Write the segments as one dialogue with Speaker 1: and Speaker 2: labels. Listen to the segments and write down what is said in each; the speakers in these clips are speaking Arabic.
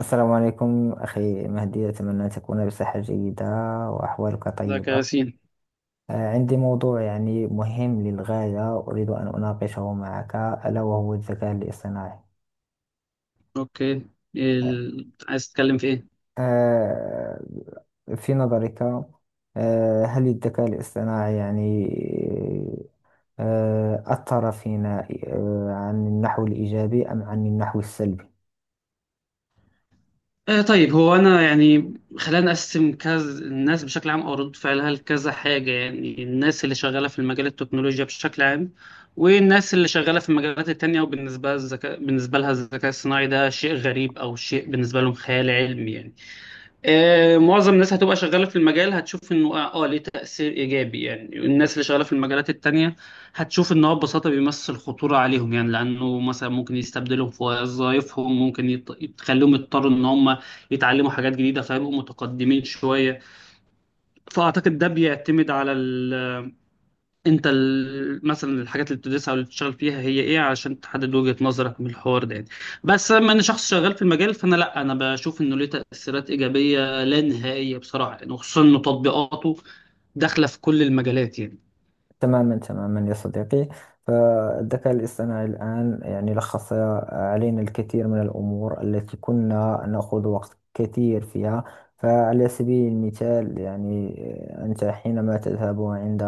Speaker 1: السلام عليكم أخي مهدي، أتمنى أن تكون بصحة جيدة وأحوالك
Speaker 2: ازيك يا
Speaker 1: طيبة.
Speaker 2: ياسين؟
Speaker 1: عندي موضوع يعني مهم للغاية، أريد أن أناقشه معك، ألا وهو الذكاء الاصطناعي.
Speaker 2: اوكي. عايز تتكلم في ايه؟
Speaker 1: آه، في نظرك هل الذكاء الاصطناعي يعني أثر فينا عن النحو الإيجابي أم عن النحو السلبي؟
Speaker 2: آه، طيب، هو انا يعني خلينا نقسم كذا، الناس بشكل عام او ردود فعلها لكذا حاجه، يعني الناس اللي شغاله في المجال التكنولوجيا بشكل عام، والناس اللي شغاله في المجالات التانية. وبالنسبه الذكاء بالنسبه لها الذكاء الصناعي ده شيء غريب، او شيء بالنسبه لهم خيال علمي يعني. معظم الناس هتبقى شغالة في المجال، هتشوف انه ليه تأثير ايجابي، يعني الناس اللي شغالة في المجالات التانية هتشوف ان هو ببساطة بيمثل خطورة عليهم، يعني لانه مثلا ممكن يستبدلهم في وظائفهم، ممكن يتخليهم يضطروا ان هم يتعلموا حاجات جديدة فيبقوا متقدمين شوية. فاعتقد ده بيعتمد على انت مثلا الحاجات اللي بتدرسها او اللي بتشتغل فيها هي ايه، عشان تحدد وجهة نظرك من الحوار ده يعني. بس لما انا شخص شغال في المجال، فانا لا انا بشوف انه ليه تأثيرات ايجابية لا نهائية بصراحة يعني، وخصوصا انه تطبيقاته داخلة في كل المجالات يعني.
Speaker 1: تماما تماما يا صديقي، فالذكاء الاصطناعي الآن يعني لخص علينا الكثير من الأمور التي كنا نأخذ وقت كثير فيها. فعلى سبيل المثال يعني، أنت حينما تذهب عند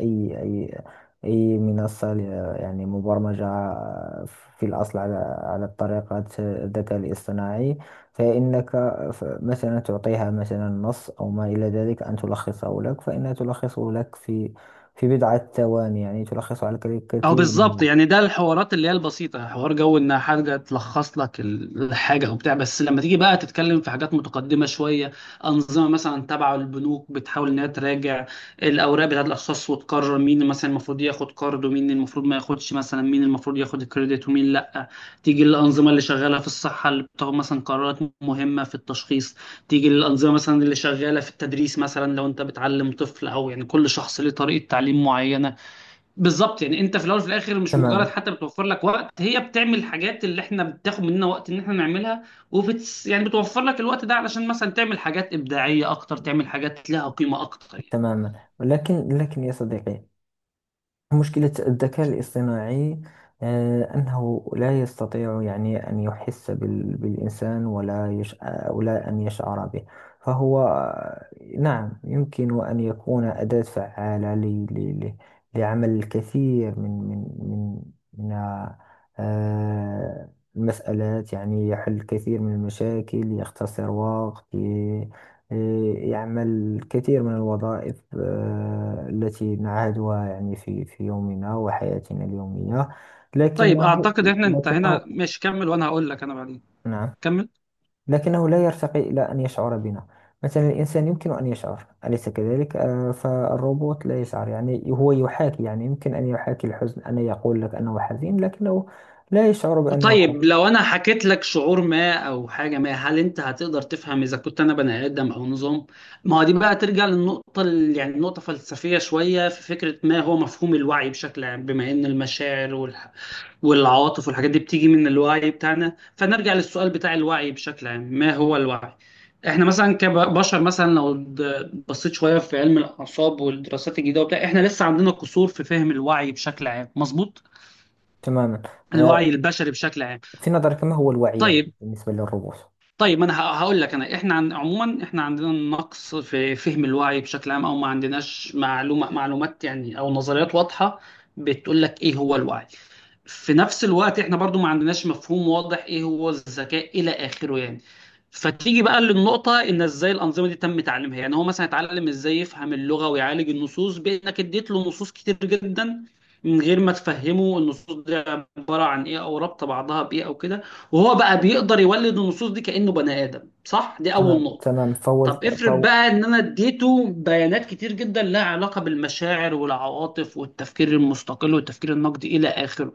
Speaker 1: أي أي أي منصة يعني مبرمجة في الأصل على طريقة الذكاء الاصطناعي، فإنك مثلا تعطيها مثلا نص أو ما إلى ذلك أن تلخصه لك، فإنها تلخصه لك في بضعة ثواني. يعني تلخص على
Speaker 2: او
Speaker 1: كثير من
Speaker 2: بالظبط،
Speaker 1: الوقت.
Speaker 2: يعني ده الحوارات اللي هي البسيطه، حوار جو ان حاجه تلخص لك الحاجه او بتاع. بس لما تيجي بقى تتكلم في حاجات متقدمه شويه، انظمه مثلا تبع البنوك بتحاول انها تراجع الاوراق بتاعت الاشخاص وتقرر مين مثلا المفروض ياخد قرض ومين المفروض ما ياخدش، مثلا مين المفروض ياخد الكريدت ومين لا. تيجي الانظمه اللي شغاله في الصحه اللي بتاخد مثلا قرارات مهمه في التشخيص. تيجي الانظمه مثلا اللي شغاله في التدريس، مثلا لو انت بتعلم طفل، او يعني كل شخص ليه طريقه تعليم معينه. بالظبط يعني انت في الاول وفي الاخر، مش
Speaker 1: تماما
Speaker 2: مجرد حتى بتوفر لك وقت، هي بتعمل الحاجات اللي احنا بتاخد مننا وقت ان احنا نعملها. يعني بتوفر لك الوقت ده علشان مثلا تعمل حاجات ابداعيه اكتر، تعمل حاجات لها قيمه اكتر يعني.
Speaker 1: تماما، لكن يا صديقي، مشكلة الذكاء الاصطناعي أنه لا يستطيع يعني أن يحس بالإنسان، ولا يش... آه، ولا أن يشعر به. فهو نعم، يمكن أن يكون أداة فعالة ل... لعمل الكثير من آه، المسألات. يعني يحل الكثير من المشاكل، يختصر وقت. إيه، يعمل الكثير من الوظائف التي نعهدها يعني في يومنا وحياتنا اليومية.
Speaker 2: طيب
Speaker 1: لكنه
Speaker 2: اعتقد احنا
Speaker 1: لكنه
Speaker 2: انتهينا. ماشي كمل، وانا هقول لك انا بعدين.
Speaker 1: نعم.
Speaker 2: كمل.
Speaker 1: لكنه لا يرتقي إلى أن يشعر بنا. مثلا الإنسان يمكن أن يشعر، أليس كذلك؟ فالروبوت لا يشعر، يعني هو يحاكي. يعني يمكن أن يحاكي الحزن، أن يقول لك أنه حزين، لكنه لا يشعر بأنه حزين.
Speaker 2: طيب لو انا حكيت لك شعور ما او حاجه ما، هل انت هتقدر تفهم اذا كنت انا بني ادم او نظام؟ ما هو دي بقى ترجع للنقطه يعني نقطه فلسفيه شويه، في فكره ما هو مفهوم الوعي بشكل عام، بما ان المشاعر والعواطف والحاجات دي بتيجي من الوعي بتاعنا، فنرجع للسؤال بتاع الوعي بشكل عام، ما هو الوعي. احنا مثلا كبشر، مثلا لو بصيت شويه في علم الاعصاب والدراسات الجديده وبتاع، احنا لسه عندنا قصور في فهم الوعي بشكل عام مظبوط،
Speaker 1: تماما. آه،
Speaker 2: الوعي البشري بشكل عام.
Speaker 1: في نظرك ما هو الوعي يعني
Speaker 2: طيب.
Speaker 1: بالنسبة للروبوت؟
Speaker 2: طيب ما انا هقول لك، انا احنا عموما احنا عندنا نقص في فهم الوعي بشكل عام، او ما عندناش معلومه معلومات يعني، او نظريات واضحه بتقول لك ايه هو الوعي. في نفس الوقت احنا برضو ما عندناش مفهوم واضح ايه هو الذكاء الى اخره يعني. فتيجي بقى للنقطة ان ازاي الانظمة دي تم تعليمها، يعني هو مثلا اتعلم ازاي يفهم اللغة ويعالج النصوص، بانك اديت له نصوص كتير جدا من غير ما تفهمه النصوص دي عبارة عن ايه، او رابطة بعضها بايه او كده. وهو بقى بيقدر يولد النصوص دي كأنه بني ادم، صح؟ دي اول
Speaker 1: تمام
Speaker 2: نقطة.
Speaker 1: تمام، فهو
Speaker 2: طب افرض
Speaker 1: فهو
Speaker 2: بقى ان انا اديته بيانات كتير جدا لها علاقة بالمشاعر والعواطف والتفكير المستقل والتفكير النقدي الى اخره،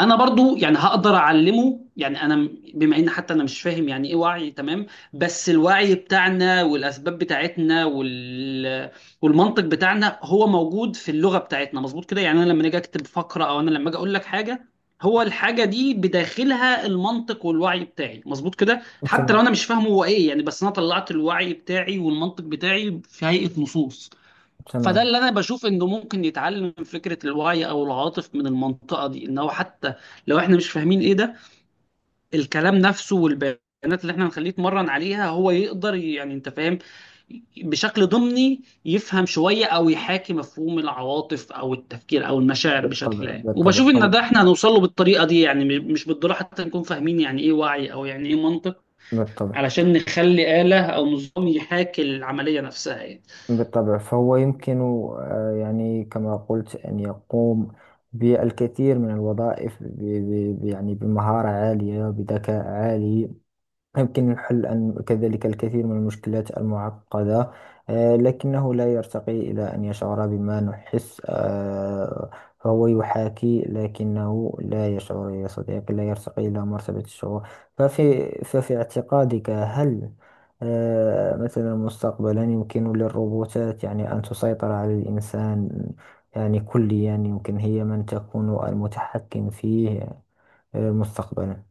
Speaker 2: انا برضو يعني هقدر اعلمه يعني. انا بما ان حتى انا مش فاهم يعني ايه وعي تمام، بس الوعي بتاعنا والاسباب بتاعتنا والمنطق بتاعنا هو موجود في اللغه بتاعتنا مظبوط كده، يعني انا لما اجي اكتب فقره، او انا لما اجي اقول لك حاجه، هو الحاجه دي بداخلها المنطق والوعي بتاعي مظبوط كده، حتى لو
Speaker 1: تمام
Speaker 2: انا مش فاهمه هو ايه يعني، بس انا طلعت الوعي بتاعي والمنطق بتاعي في هيئه نصوص. فده
Speaker 1: تمام،
Speaker 2: اللي انا بشوف انه ممكن يتعلم فكره الوعي او العاطف من المنطقه دي، ان هو حتى لو احنا مش فاهمين ايه ده، الكلام نفسه والبيانات اللي احنا هنخليه يتمرن عليها، هو يقدر يعني انت فاهم، بشكل ضمني يفهم شويه او يحاكي مفهوم العواطف او التفكير او المشاعر
Speaker 1: بالطبع
Speaker 2: بشكل عام.
Speaker 1: بالطبع،
Speaker 2: وبشوف
Speaker 1: فهو.
Speaker 2: ان ده احنا هنوصل له بالطريقه دي، يعني مش بالضروره حتى نكون فاهمين يعني ايه وعي، او يعني ايه منطق،
Speaker 1: بالطبع
Speaker 2: علشان نخلي آلة او نظام يحاكي العمليه نفسها يعني.
Speaker 1: بالطبع، فهو يمكن يعني كما قلت أن يقوم بالكثير من الوظائف، يعني بمهارة عالية، بذكاء عالي. يمكن الحل أن كذلك الكثير من المشكلات المعقدة. لكنه لا يرتقي إلى أن يشعر بما نحس. فهو يحاكي لكنه لا يشعر يا صديقي، لا يرتقي إلى مرتبة الشعور. ففي اعتقادك، هل مثلا مستقبلا يمكن للروبوتات يعني أن تسيطر على الإنسان؟ يعني كليا، يمكن هي من تكون المتحكم فيه مستقبلا.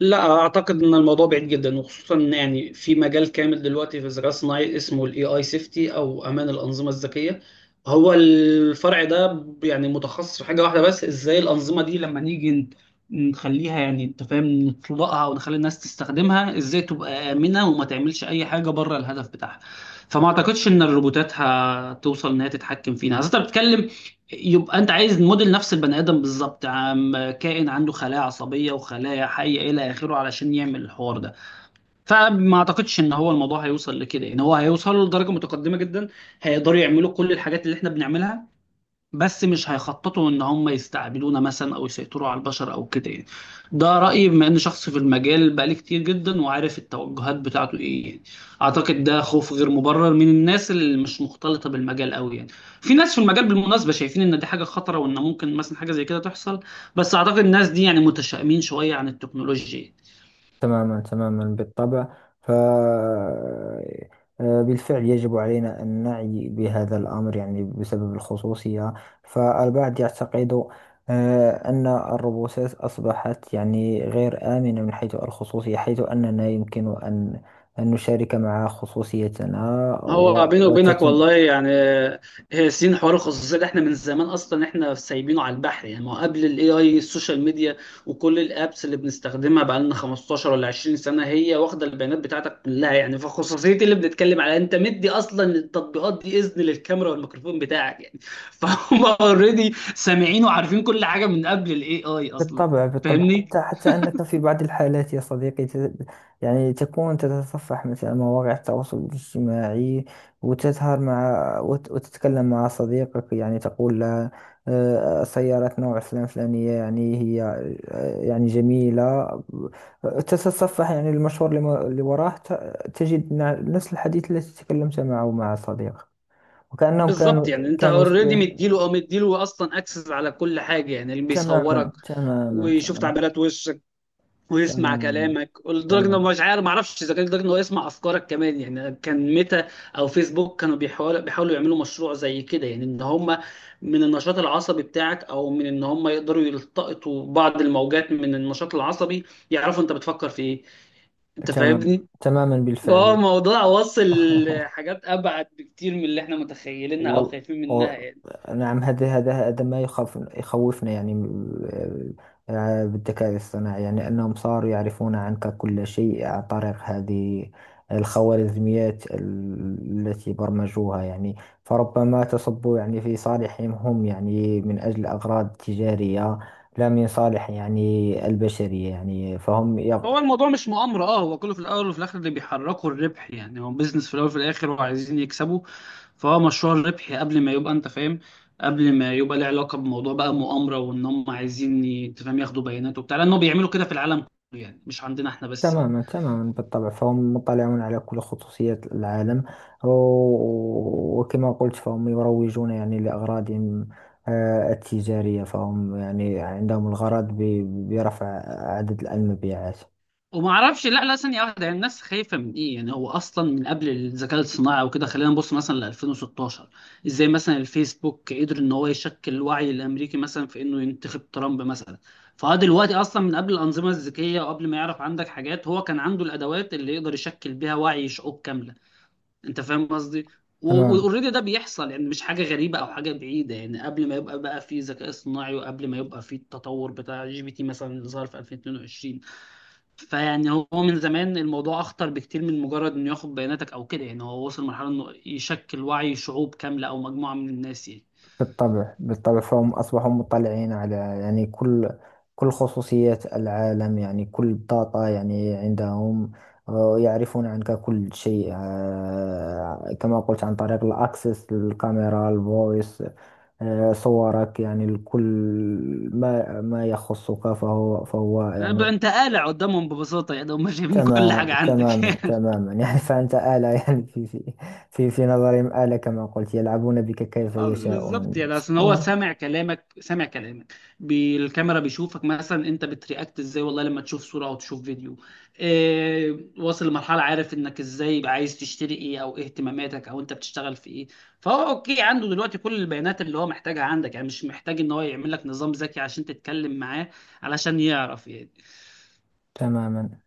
Speaker 2: لا اعتقد ان الموضوع بعيد جدا، وخصوصا إن يعني في مجال كامل دلوقتي في الذكاء الصناعي اسمه الاي اي سيفتي، او امان الانظمه الذكيه. هو الفرع ده يعني متخصص في حاجه واحده بس، ازاي الانظمه دي لما نيجي نخليها، يعني انت فاهم، نطلقها ونخلي الناس تستخدمها ازاي تبقى امنه وما تعملش اي حاجه بره الهدف بتاعها. فما اعتقدش ان الروبوتات هتوصل ان هي تتحكم فينا، اصل انت بتتكلم يبقى انت عايز موديل نفس البني ادم بالظبط، عم كائن عنده خلايا عصبيه وخلايا حيه الى اخره علشان يعمل الحوار ده. فما اعتقدش ان هو الموضوع هيوصل لكده، ان هو هيوصل لدرجه متقدمه جدا هيقدروا يعملوا كل الحاجات اللي احنا بنعملها، بس مش هيخططوا ان هم يستعبدونا مثلا او يسيطروا على البشر او كده يعني. ده رايي بما ان شخص في المجال بقالي كتير جدا، وعارف التوجهات بتاعته ايه يعني. اعتقد ده خوف غير مبرر من الناس اللي مش مختلطه بالمجال قوي يعني. في ناس في المجال بالمناسبه شايفين ان دي حاجه خطره، وان ممكن مثلا حاجه زي كده تحصل، بس اعتقد الناس دي يعني متشائمين شويه عن التكنولوجيا.
Speaker 1: تماما تماما بالطبع. ف آه، بالفعل يجب علينا أن نعي بهذا الأمر، يعني بسبب الخصوصية. فالبعض يعتقد أن الروبوتات أصبحت يعني غير آمنة من حيث الخصوصية، حيث أننا يمكن أن نشارك مع خصوصيتنا
Speaker 2: هو بيني وبينك
Speaker 1: وتتم.
Speaker 2: والله يعني، هي سين حوار الخصوصيه ده، احنا من زمان اصلا احنا سايبينه على البحر يعني. ما هو قبل الاي اي، السوشيال ميديا وكل الابس اللي بنستخدمها بقى لنا 15 ولا 20 سنه هي واخده البيانات بتاعتك كلها يعني. فخصوصيه اللي بنتكلم عليها، انت مدي اصلا التطبيقات دي اذن للكاميرا والميكروفون بتاعك يعني، فهم اوريدي سامعين وعارفين كل حاجه من قبل الاي اي اصلا.
Speaker 1: بالطبع بالطبع،
Speaker 2: فاهمني؟
Speaker 1: حتى أنك في بعض الحالات يا صديقي، يعني تكون تتصفح مثلا مواقع التواصل الاجتماعي، وتظهر وتتكلم مع صديقك، يعني تقول له سيارة نوع فلان فلانية، يعني هي يعني جميلة. تتصفح يعني المشهور اللي وراه تجد نفس الحديث الذي تكلمت معه مع صديقك، وكأنهم
Speaker 2: بالظبط،
Speaker 1: كانوا
Speaker 2: يعني انت
Speaker 1: كانوا
Speaker 2: اوريدي مديله، او مديله اصلا اكسس على كل حاجه، يعني اللي
Speaker 1: تماما
Speaker 2: بيصورك
Speaker 1: تماما
Speaker 2: ويشوف
Speaker 1: تماما.
Speaker 2: تعبيرات وشك ويسمع
Speaker 1: تماما
Speaker 2: كلامك، لدرجه انه
Speaker 1: تماما،
Speaker 2: مش عارف، ما اعرفش اذا كان لدرجه انه يسمع افكارك كمان يعني. كان ميتا او فيسبوك كانوا بيحاولوا يعملوا مشروع زي كده، يعني ان هم من النشاط العصبي بتاعك، او من ان هم يقدروا يلتقطوا بعض الموجات من النشاط العصبي، يعرفوا انت بتفكر في ايه. انت
Speaker 1: تمام
Speaker 2: فاهمني؟
Speaker 1: تماما،
Speaker 2: هو
Speaker 1: بالفعل.
Speaker 2: موضوع واصل حاجات ابعد بكتير من اللي احنا متخيلينها او
Speaker 1: وال...
Speaker 2: خايفين
Speaker 1: و...
Speaker 2: منها يعني.
Speaker 1: نعم، هذا ما يخوفنا يعني، آه، بالذكاء الصناعي، يعني أنهم صاروا يعرفون عنك كل شيء عن طريق هذه الخوارزميات التي برمجوها. يعني فربما تصب يعني في صالحهم هم، يعني من أجل أغراض تجارية، لا من صالح يعني البشرية. يعني فهم
Speaker 2: هو الموضوع مش مؤامرة، هو كله في الأول وفي الآخر اللي بيحركه الربح يعني. هو بيزنس في الأول وفي الآخر وعايزين يكسبوا، فهو مشروع الربح قبل ما يبقى أنت فاهم، قبل ما يبقى له علاقة بموضوع بقى مؤامرة وإن هم عايزين أنت فاهم ياخدوا بيانات وبتاع، لأنه بيعملوا كده في العالم كله يعني، مش عندنا إحنا بس.
Speaker 1: تماما تماما بالطبع، فهم مطلعون على كل خصوصيات العالم. وكما قلت فهم يروجون يعني لأغراضهم التجارية. فهم يعني عندهم الغرض برفع عدد المبيعات.
Speaker 2: وما اعرفش، لا لا ثانيه واحده، يعني الناس خايفه من ايه يعني. هو اصلا من قبل الذكاء الصناعي وكده، خلينا نبص مثلا ل 2016، ازاي مثلا الفيسبوك قدر ان هو يشكل الوعي الامريكي مثلا في انه ينتخب ترامب مثلا. فهو دلوقتي اصلا من قبل الانظمه الذكيه وقبل ما يعرف عندك حاجات، هو كان عنده الادوات اللي يقدر يشكل بيها وعي شعوب كامله. انت فاهم قصدي؟
Speaker 1: تمام.
Speaker 2: واوريدي ده بيحصل، يعني مش حاجه غريبه او حاجه بعيده يعني، قبل ما يبقى بقى في ذكاء صناعي، وقبل ما يبقى في التطور بتاع جي بي تي مثلا اللي ظهر في 2022. فيعني هو من زمان الموضوع اخطر بكتير من مجرد انه ياخد بياناتك او كده يعني، هو وصل لمرحله انه يشكل وعي شعوب كامله او مجموعه من الناس يعني.
Speaker 1: بالطبع بالطبع، فهم أصبحوا مطلعين على يعني كل خصوصيات العالم، يعني كل بطاقة يعني عندهم. يعرفون عنك كل شيء كما قلت عن طريق الأكسس، الكاميرا، الفويس، صورك، يعني الكل، ما يخصك. فهو
Speaker 2: بقى
Speaker 1: يعني.
Speaker 2: انت قالع قدامهم ببساطه، يعني هم شايفين كل
Speaker 1: تمام.
Speaker 2: حاجه عندك.
Speaker 1: تماما تماما يعني فأنت آلة يعني في نظرهم آلة كما قلت، يلعبون بك كيف
Speaker 2: اه بالظبط،
Speaker 1: يشاءون.
Speaker 2: يعني اصل هو
Speaker 1: تمام
Speaker 2: سامع كلامك سامع كلامك، بالكاميرا بيشوفك مثلا، انت بترياكت ازاي والله لما تشوف صوره او تشوف فيديو. إيه واصل لمرحله عارف انك ازاي، يبقى عايز تشتري ايه، او ايه اهتماماتك، او انت بتشتغل في ايه. فهو اوكي عنده دلوقتي كل البيانات اللي هو محتاجها عندك يعني، مش محتاج ان هو يعمل لك نظام ذكي عشان تتكلم معاه علشان يعرف يعني.
Speaker 1: تماما.